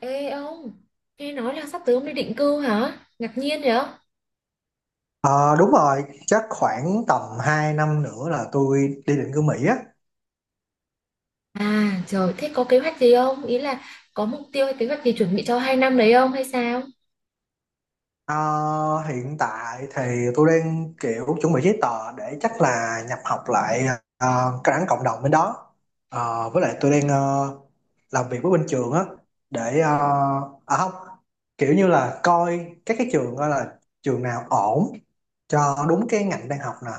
Ê ông, nghe nói là sắp tới ông đi định cư hả? Ngạc nhiên vậy? Ờ, đúng rồi, chắc khoảng tầm 2 năm nữa là tôi đi định cư Mỹ á. À trời, thế có kế hoạch gì không? Ý là có mục tiêu hay kế hoạch gì chuẩn bị cho 2 năm đấy không hay sao? Ờ, Hiện tại thì tôi đang kiểu chuẩn bị giấy tờ để chắc là nhập học lại cái đảng cộng đồng bên đó. Với lại tôi đang làm việc với bên trường á để ờ, à không kiểu như là coi các cái trường, coi là trường nào ổn cho đúng cái ngành đang học nè,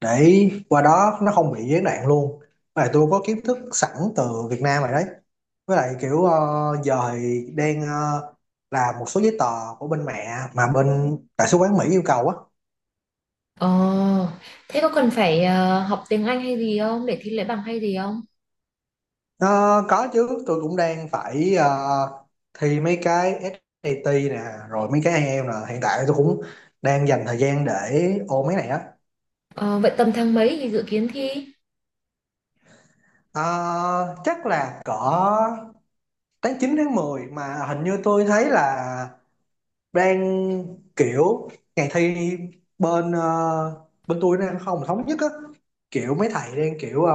để qua đó nó không bị gián đoạn luôn. Và tôi có kiến thức sẵn từ Việt Nam rồi đấy, với lại kiểu giờ thì đang làm một số giấy tờ của bên mẹ mà bên đại sứ quán Mỹ yêu cầu á. Ồ, thế có cần phải học tiếng Anh hay gì không? Để thi lấy bằng hay gì không? Ờ, có chứ, tôi cũng đang phải thi mấy cái SAT nè, rồi mấy cái IELTS nè, hiện tại tôi cũng đang dành thời gian để ôn mấy này á. Ờ, vậy tầm tháng mấy thì dự kiến thi? Ờ, Chắc là cỡ tháng 9 tháng mười, mà hình như tôi thấy là đang kiểu ngày thi bên bên tôi nó đang không thống nhất á, kiểu mấy thầy đang kiểu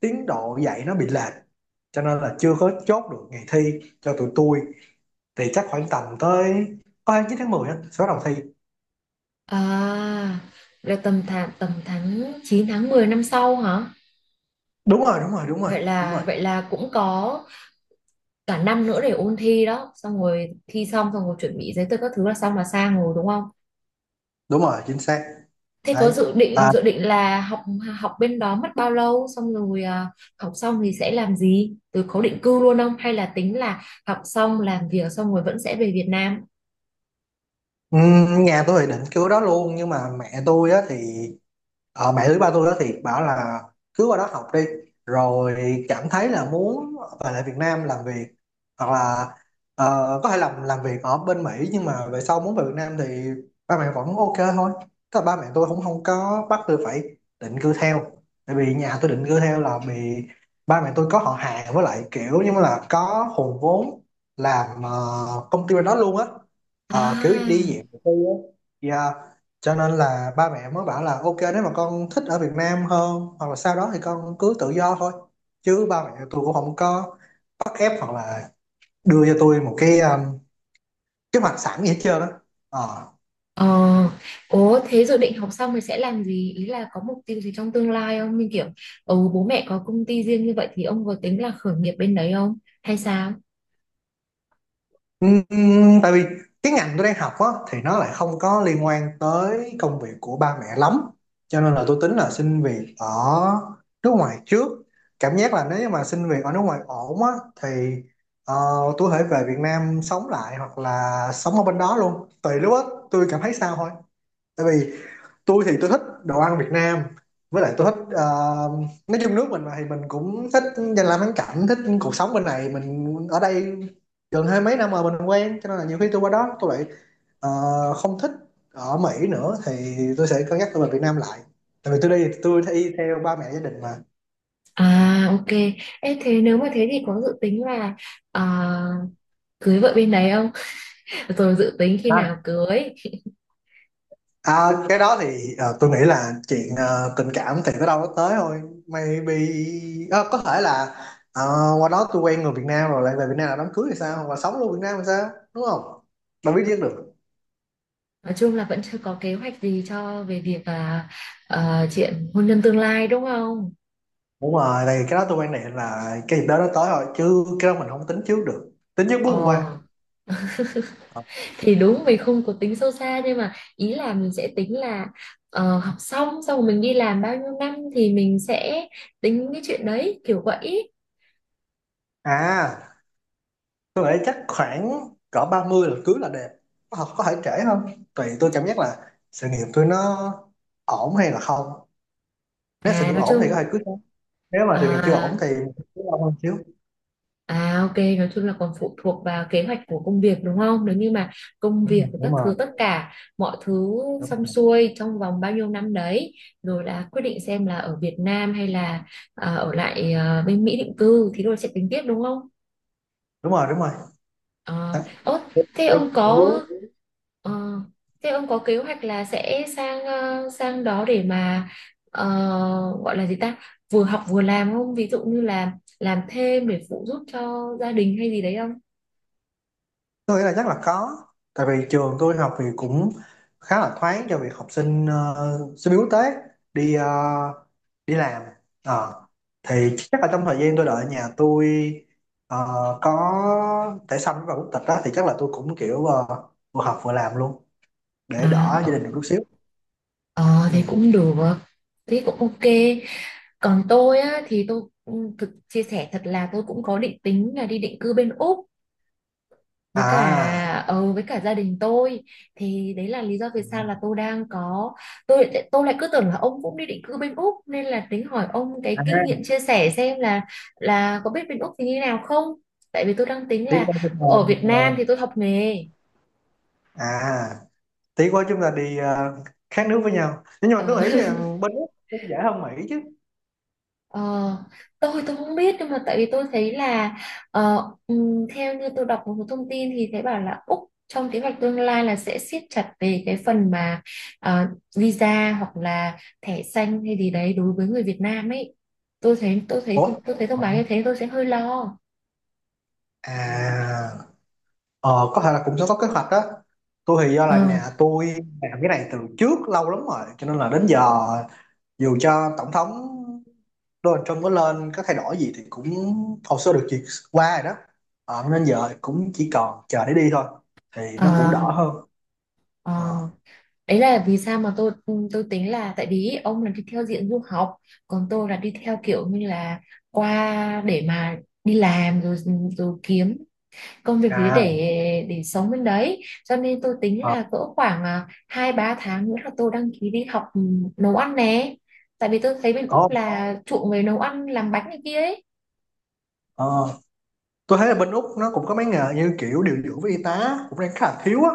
tiến độ dạy nó bị lệch, cho nên là chưa có chốt được ngày thi cho tụi tôi. Thì chắc khoảng tầm tới có 29 tháng 10 á sẽ bắt đầu thi. À, là tầm tháng 9 tháng 10 năm sau hả? Đúng rồi, đúng rồi, đúng rồi. Vậy Đúng là rồi. vậy là cũng có cả năm nữa để ôn thi đó, xong rồi thi xong xong rồi chuẩn bị giấy tờ các thứ là xong là sang rồi đúng không? Đúng rồi, chính xác. Thế có dự định Đấy. dự định là học học bên đó mất bao lâu, xong rồi à, học xong thì sẽ làm gì? Từ có định cư luôn không, hay là tính là học xong làm việc xong rồi vẫn sẽ về Việt Nam? Nhà tôi thì định cứu đó luôn, nhưng mà mẹ tôi á thì mẹ với ba tôi đó thì bảo là cứ qua đó học đi, rồi cảm thấy là muốn về lại Việt Nam làm việc, hoặc là ờ, có thể làm việc ở bên Mỹ, nhưng mà về sau muốn về Việt Nam thì ba mẹ vẫn ok thôi. Tức là ba mẹ tôi cũng không có bắt tôi phải định cư theo. Tại vì nhà tôi định cư theo là bị ba mẹ tôi có họ hàng, với lại kiểu như là có hùn vốn làm công ty bên đó luôn á. Ờ, kiểu À. đi dạng tự tư á, yeah. Cho nên là ba mẹ mới bảo là ok, nếu mà con thích ở Việt Nam hơn hoặc là sau đó thì con cứ tự do thôi, chứ ba mẹ tôi cũng không có bắt ép hoặc là đưa cho tôi một cái kế hoạch sẵn gì hết trơn đó. Ờ, ố thế dự định học xong thì sẽ làm gì? Ý là có mục tiêu gì trong tương lai không? Như kiểu bố mẹ có công ty riêng như vậy thì ông có tính là khởi nghiệp bên đấy không? Hay sao? Ừm, tại vì cái ngành tôi đang học á, thì nó lại không có liên quan tới công việc của ba mẹ lắm, cho nên là tôi tính là xin việc ở nước ngoài trước. Cảm giác là nếu như mà xin việc ở nước ngoài ổn á thì ờ, tôi có thể về Việt Nam sống lại hoặc là sống ở bên đó luôn, tùy lúc á, tôi cảm thấy sao thôi. Tại vì tôi thích đồ ăn Việt Nam, với lại tôi thích nói chung nước mình mà thì mình cũng thích danh lam thắng cảnh, thích cuộc sống bên này, mình ở đây gần hai mấy năm rồi mình quen, cho nên là nhiều khi tôi qua đó tôi lại ờ, không thích ở Mỹ nữa thì tôi sẽ cân nhắc tôi về Việt Nam lại. Tại vì tôi đi theo ba mẹ gia đình mà. À, ok. Ê, thế nếu mà thế thì có dự tính là à, cưới vợ bên đấy không? Rồi dự tính khi nào cưới? À, cái đó thì tôi nghĩ là chuyện tình cảm thì tới đâu nó tới thôi. Maybe có thể là ờ, qua đó tôi quen người Việt Nam rồi lại về Việt Nam là đám cưới thì sao, hoặc là sống luôn Việt Nam thì sao, đúng không? Đâu biết biết được. Nói chung là vẫn chưa có kế hoạch gì cho về việc là chuyện hôn nhân tương lai đúng không? Đúng rồi, thì cái đó tôi quan niệm là cái dịp đó nó tới rồi, chứ cái đó mình không tính trước được, tính trước bước hôm Ờ qua. Ờ. thì đúng mình không có tính sâu xa, nhưng mà ý là mình sẽ tính là học xong xong rồi mình đi làm bao nhiêu năm thì mình sẽ tính cái chuyện đấy kiểu vậy. À, tôi nghĩ chắc khoảng cỡ 30 là cưới là đẹp, có thể trễ không tùy tôi cảm giác là sự nghiệp tôi nó ổn hay là không. Nếu sự À nghiệp nói ổn thì có chung thể cưới, nếu mà sự nghiệp chưa à. ổn thì cứ lâu hơn xíu. À, ok, nói chung là còn phụ thuộc vào kế hoạch của công việc đúng không? Nếu như mà công việc của các Đúng thứ, rồi, tất cả mọi thứ đúng xong rồi, xuôi trong vòng bao nhiêu năm đấy, rồi là quyết định xem là ở Việt Nam hay là ở lại bên Mỹ định cư, thì rồi sẽ tính tiếp đúng không? đúng rồi, đúng rồi. Ờ, Đấy. Thế ông có Đúng. ờ, kế hoạch là sẽ sang sang đó để mà ờ, gọi là gì ta? Vừa học vừa làm không? Ví dụ như là làm thêm để phụ giúp cho gia đình hay gì đấy không? Tôi nghĩ là chắc là có. Tại vì trường tôi học thì cũng khá là thoáng cho việc học sinh sinh viên quốc tế đi ờ, đi làm. Ờ. Thì chắc là trong thời gian tôi đợi nhà tôi ờ, có thẻ xanh và quốc tịch đó thì chắc là tôi cũng kiểu vừa học vừa làm luôn để đỡ gia À, đình được chút xíu. ờ Ừ. thì cũng được, thế cũng ok. Còn tôi á, thì tôi thực chia sẻ thật là tôi cũng có định tính là đi định cư bên Úc à với cả gia đình tôi. Thì đấy là lý do vì sao là tôi đang có tôi lại cứ tưởng là ông cũng đi định cư bên Úc, nên là tính hỏi ông cái à, kinh nghiệm chia sẻ xem là có biết bên Úc thì như nào không? Tại vì tôi đang tính Tiếc là quá cái ở Việt Nam môn, thì tôi học nghề. ờ, à tỷ của chúng ta đi khác nước với nhau, nhưng mà Ờ, tôi nghĩ là bên Úc cũng dễ hơn Mỹ chứ. ờ, tôi không biết, nhưng mà tại vì tôi thấy là theo như tôi đọc một số thông tin thì thấy bảo là Úc trong kế hoạch tương lai là sẽ siết chặt về cái phần mà ờ, visa hoặc là thẻ xanh hay gì đấy đối với người Việt Nam ấy. tôi thấy tôi thấy Ủa. tôi thấy thông báo như thế, tôi sẽ hơi lo. à ờ, có thể là cũng sẽ có kế hoạch đó. Tôi thì do ờ là nhà tôi làm cái này từ trước lâu lắm rồi, cho nên là đến giờ dù cho tổng thống Donald Trump có lên có thay đổi gì thì cũng hồ sơ được duyệt qua rồi đó. Ờ, nên giờ cũng chỉ còn chờ để đi thôi, thì ờ nó cũng đỡ hơn. ờ Ờ. Đấy là vì sao mà tôi tính là tại vì ông là đi theo diện du học, còn tôi là đi theo kiểu như là qua để mà đi làm rồi rồi kiếm công việc gì à để sống bên đấy, cho nên tôi tính ờ, là cỡ khoảng hai ba tháng nữa là tôi đăng ký đi học nấu ăn nè. Tại vì tôi thấy bên Úc Ổn. là chuộng về nấu ăn, làm bánh này kia ấy. Ờ. Tôi thấy là bên Úc nó cũng có mấy nghề như kiểu điều dưỡng với y tá cũng đang khá là thiếu á,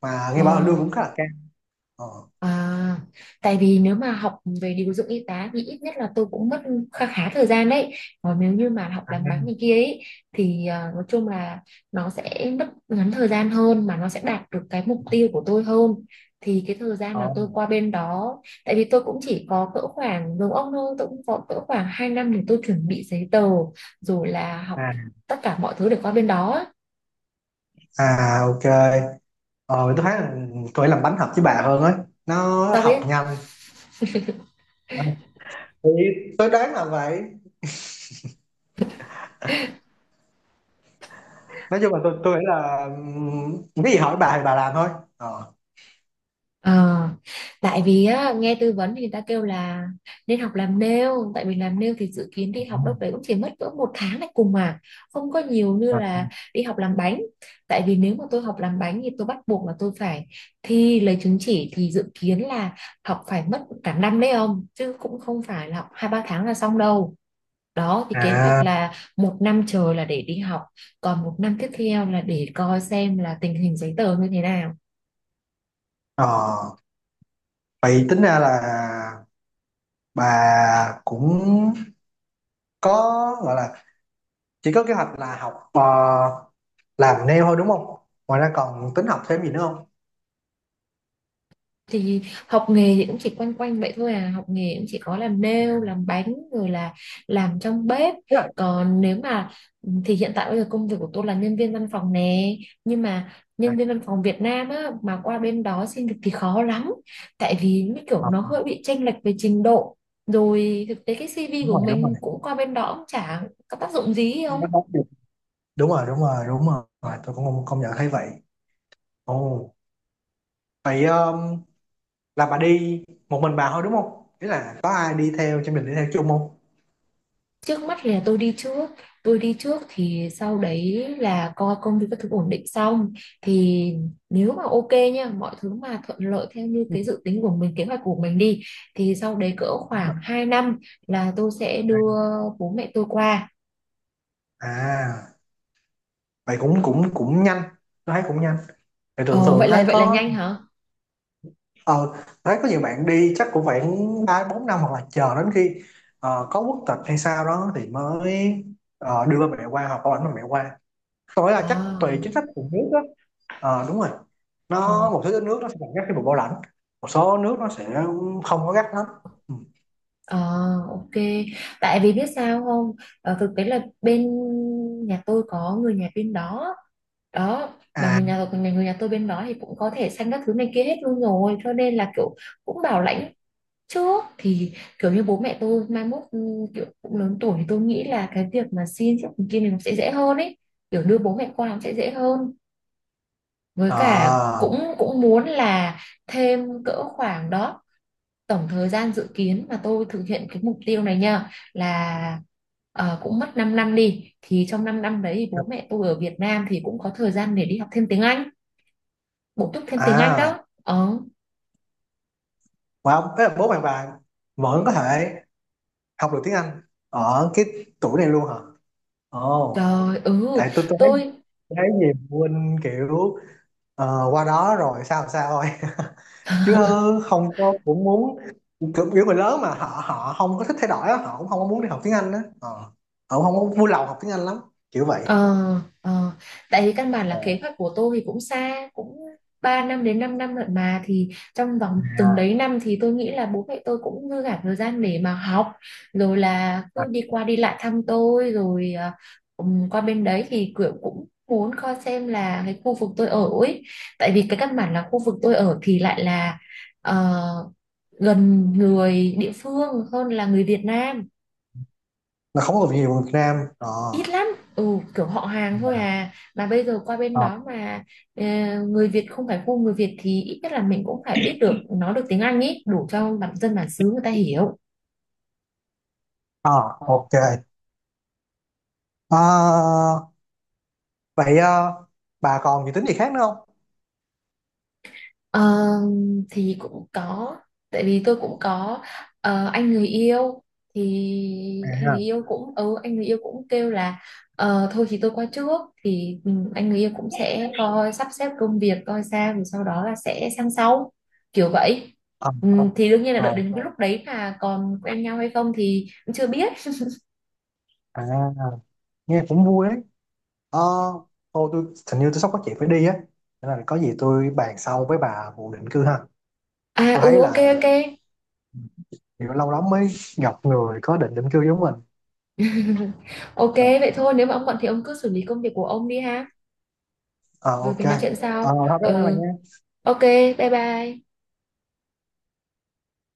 mà nghe ờ bảo là lương cũng khá là cao. Ờ. À, tại vì nếu mà học về điều dưỡng y tá thì ít nhất là tôi cũng mất khá khá thời gian đấy. Còn nếu như mà học À, làm bánh này kia ấy thì nói chung là nó sẽ mất ngắn thời gian hơn, mà nó sẽ đạt được cái mục tiêu của tôi hơn. Thì cái thời gian ờ, mà tôi qua bên đó, tại vì tôi cũng chỉ có cỡ khoảng giống ông thôi, tôi cũng có cỡ khoảng 2 năm để tôi chuẩn bị giấy tờ rồi là học à, tất cả mọi thứ để qua bên đó. Ok. Ờ tôi thấy là tôi làm bánh hợp với bà hơn ấy, nó Sao học biết? nhanh. À, thì tôi đoán là vậy. Nói chung là tôi nghĩ là cái gì hỏi bà thì bà làm thôi. ờ Ờ, tại vì á, nghe tư vấn thì người ta kêu là nên học làm nail. Tại vì làm nail thì dự kiến đi học đâu đấy cũng chỉ mất cỡ 1 tháng này cùng, mà không có nhiều như à, là đi học làm bánh. Tại vì nếu mà tôi học làm bánh thì tôi bắt buộc là tôi phải thi lấy chứng chỉ, thì dự kiến là học phải mất cả năm đấy ông, chứ cũng không phải là học hai ba tháng là xong đâu. Đó thì kế hoạch à là 1 năm trời là để đi học, còn 1 năm tiếp theo là để coi xem là tình hình giấy tờ như thế nào. ờ, vậy tính ra là bà cũng có gọi là chỉ có kế hoạch là học làm nail thôi đúng không? Ngoài ra còn tính học thêm gì nữa không? Thì học nghề thì cũng chỉ quanh quanh vậy thôi à, học nghề cũng chỉ có làm nail, làm bánh, rồi là làm trong bếp. Thế à, Còn nếu mà thì hiện tại bây giờ công việc của tôi là nhân viên văn phòng nè, nhưng mà à, nhân viên văn phòng Việt Nam á mà qua bên đó xin việc thì khó lắm. Tại vì như kiểu học nó hơi bị chênh lệch về trình độ, rồi thực tế cái CV Đúng của rồi, đúng rồi. mình cũng qua bên đó cũng chả có tác dụng gì Nó không. đóng được. Đúng rồi, đúng rồi, đúng rồi. À, tôi cũng không không nhận thấy vậy. Ồ, vậy là bà đi một mình bà thôi đúng không, nghĩa là có ai đi theo cho mình đi theo chung không? Trước mắt thì là tôi đi trước, thì sau đấy là coi công việc các thứ ổn định xong, thì nếu mà ok nha, mọi thứ mà thuận lợi theo như Ừ, cái dự tính của mình, kế hoạch của mình đi, thì sau đấy cỡ đúng rồi. khoảng 2 năm là tôi sẽ đưa bố mẹ tôi qua. À, vậy cũng cũng cũng nhanh, tôi thấy cũng nhanh. Thì thường Ờ, thường vậy là thấy vậy là có nhanh hả? ờ thấy có nhiều bạn đi chắc cũng phải ba bốn năm, hoặc là chờ đến khi có quốc tịch hay sao đó thì mới đưa ba mẹ qua, hoặc có ảnh ba mẹ qua. Tôi là chắc À, tùy chính sách của nước đó. Ờ, đúng rồi. ờ. Nó một số nước nó sẽ còn gắt khi vùng bảo lãnh, một số nước nó sẽ không có gắt lắm. Ừ. Ờ, ok. Tại vì biết sao không? Ờ, thực tế là bên nhà tôi có người nhà bên đó đó, mà à người nhà tôi bên đó thì cũng có thể sanh các thứ này kia hết luôn rồi, cho nên là kiểu cũng bảo lãnh trước. Thì kiểu như bố mẹ tôi mai mốt kiểu cũng lớn tuổi, thì tôi nghĩ là cái việc mà xin trước kia này nó sẽ dễ hơn ấy, kiểu đưa bố mẹ qua nó sẽ dễ hơn. Với cả ờ cũng cũng muốn là thêm cỡ khoảng đó, tổng thời gian dự kiến mà tôi thực hiện cái mục tiêu này nha là cũng mất 5 năm đi, thì trong 5 năm đấy thì bố mẹ tôi ở Việt Nam thì cũng có thời gian để đi học thêm tiếng Anh, bổ túc thêm tiếng Anh à đó. Ờ mà ông thế là bố bạn bà vẫn có thể học được tiếng Anh ở cái tuổi này luôn hả? Ồ, Trời, ừ, tại tôi thấy, tôi. tôi thấy nhiều phụ huynh kiểu qua đó rồi sao sao thôi chứ không có, cũng muốn kiểu kiểu người lớn mà họ họ không có thích thay đổi á, họ cũng không có muốn đi học tiếng Anh á. Ờ, họ cũng không có vui lòng học tiếng Anh lắm, kiểu vậy. Ờ, ờ. Tại vì căn bản là Ờ. kế hoạch của tôi thì cũng xa, cũng 3 năm đến 5 năm lận, mà thì trong vòng từng à, đấy năm thì tôi nghĩ là bố mẹ tôi cũng dư cả thời gian để mà học, rồi là cứ à, đi qua đi lại thăm tôi rồi. Qua bên đấy thì kiểu cũng muốn coi xem là cái khu vực tôi ở ấy, tại vì cái căn bản là khu vực tôi ở thì lại là ờ, gần người địa phương hơn là người Việt Nam, nó không có nhiều người Việt Nam. Ờ ít lắm. ừ Kiểu họ hàng thôi à, à, mà bây giờ qua bên à. đó mà ờ, người Việt, không phải khu người Việt, thì ít nhất là mình cũng phải biết được, nói được tiếng Anh ý, đủ cho bản dân bản xứ người ta hiểu. Ờ, ok. Ờ, vậy bà còn dự tính gì khác nữa không? Ờ, thì cũng có, tại vì tôi cũng có anh người yêu, thì anh người À yêu cũng anh người yêu cũng kêu là thôi thì tôi qua trước, thì anh người yêu cũng sẽ coi sắp xếp công việc coi sao, rồi sau đó là sẽ sang sau, kiểu vậy. ờ, Thì đương nhiên là đợi rồi đến cái lúc đấy là còn quen nhau hay không thì cũng chưa biết. à Nghe cũng vui đấy. Ờ, thôi tôi hình như tôi sắp có chuyện phải đi á, cho nên là có gì tôi bàn sau với bà vụ định cư ha. À, Tôi ừ, thấy ok, là ok. kiểu lâu lắm mới gặp người có định định cư giống mình. Ok, Ờ, vậy thôi, nếu mà ông bận thì ông cứ xử lý công việc của ông đi ha, ờ rồi ok. mình nói chuyện Ờ, sau. thôi bye bye bà Ừ. nha. Ok, bye bye.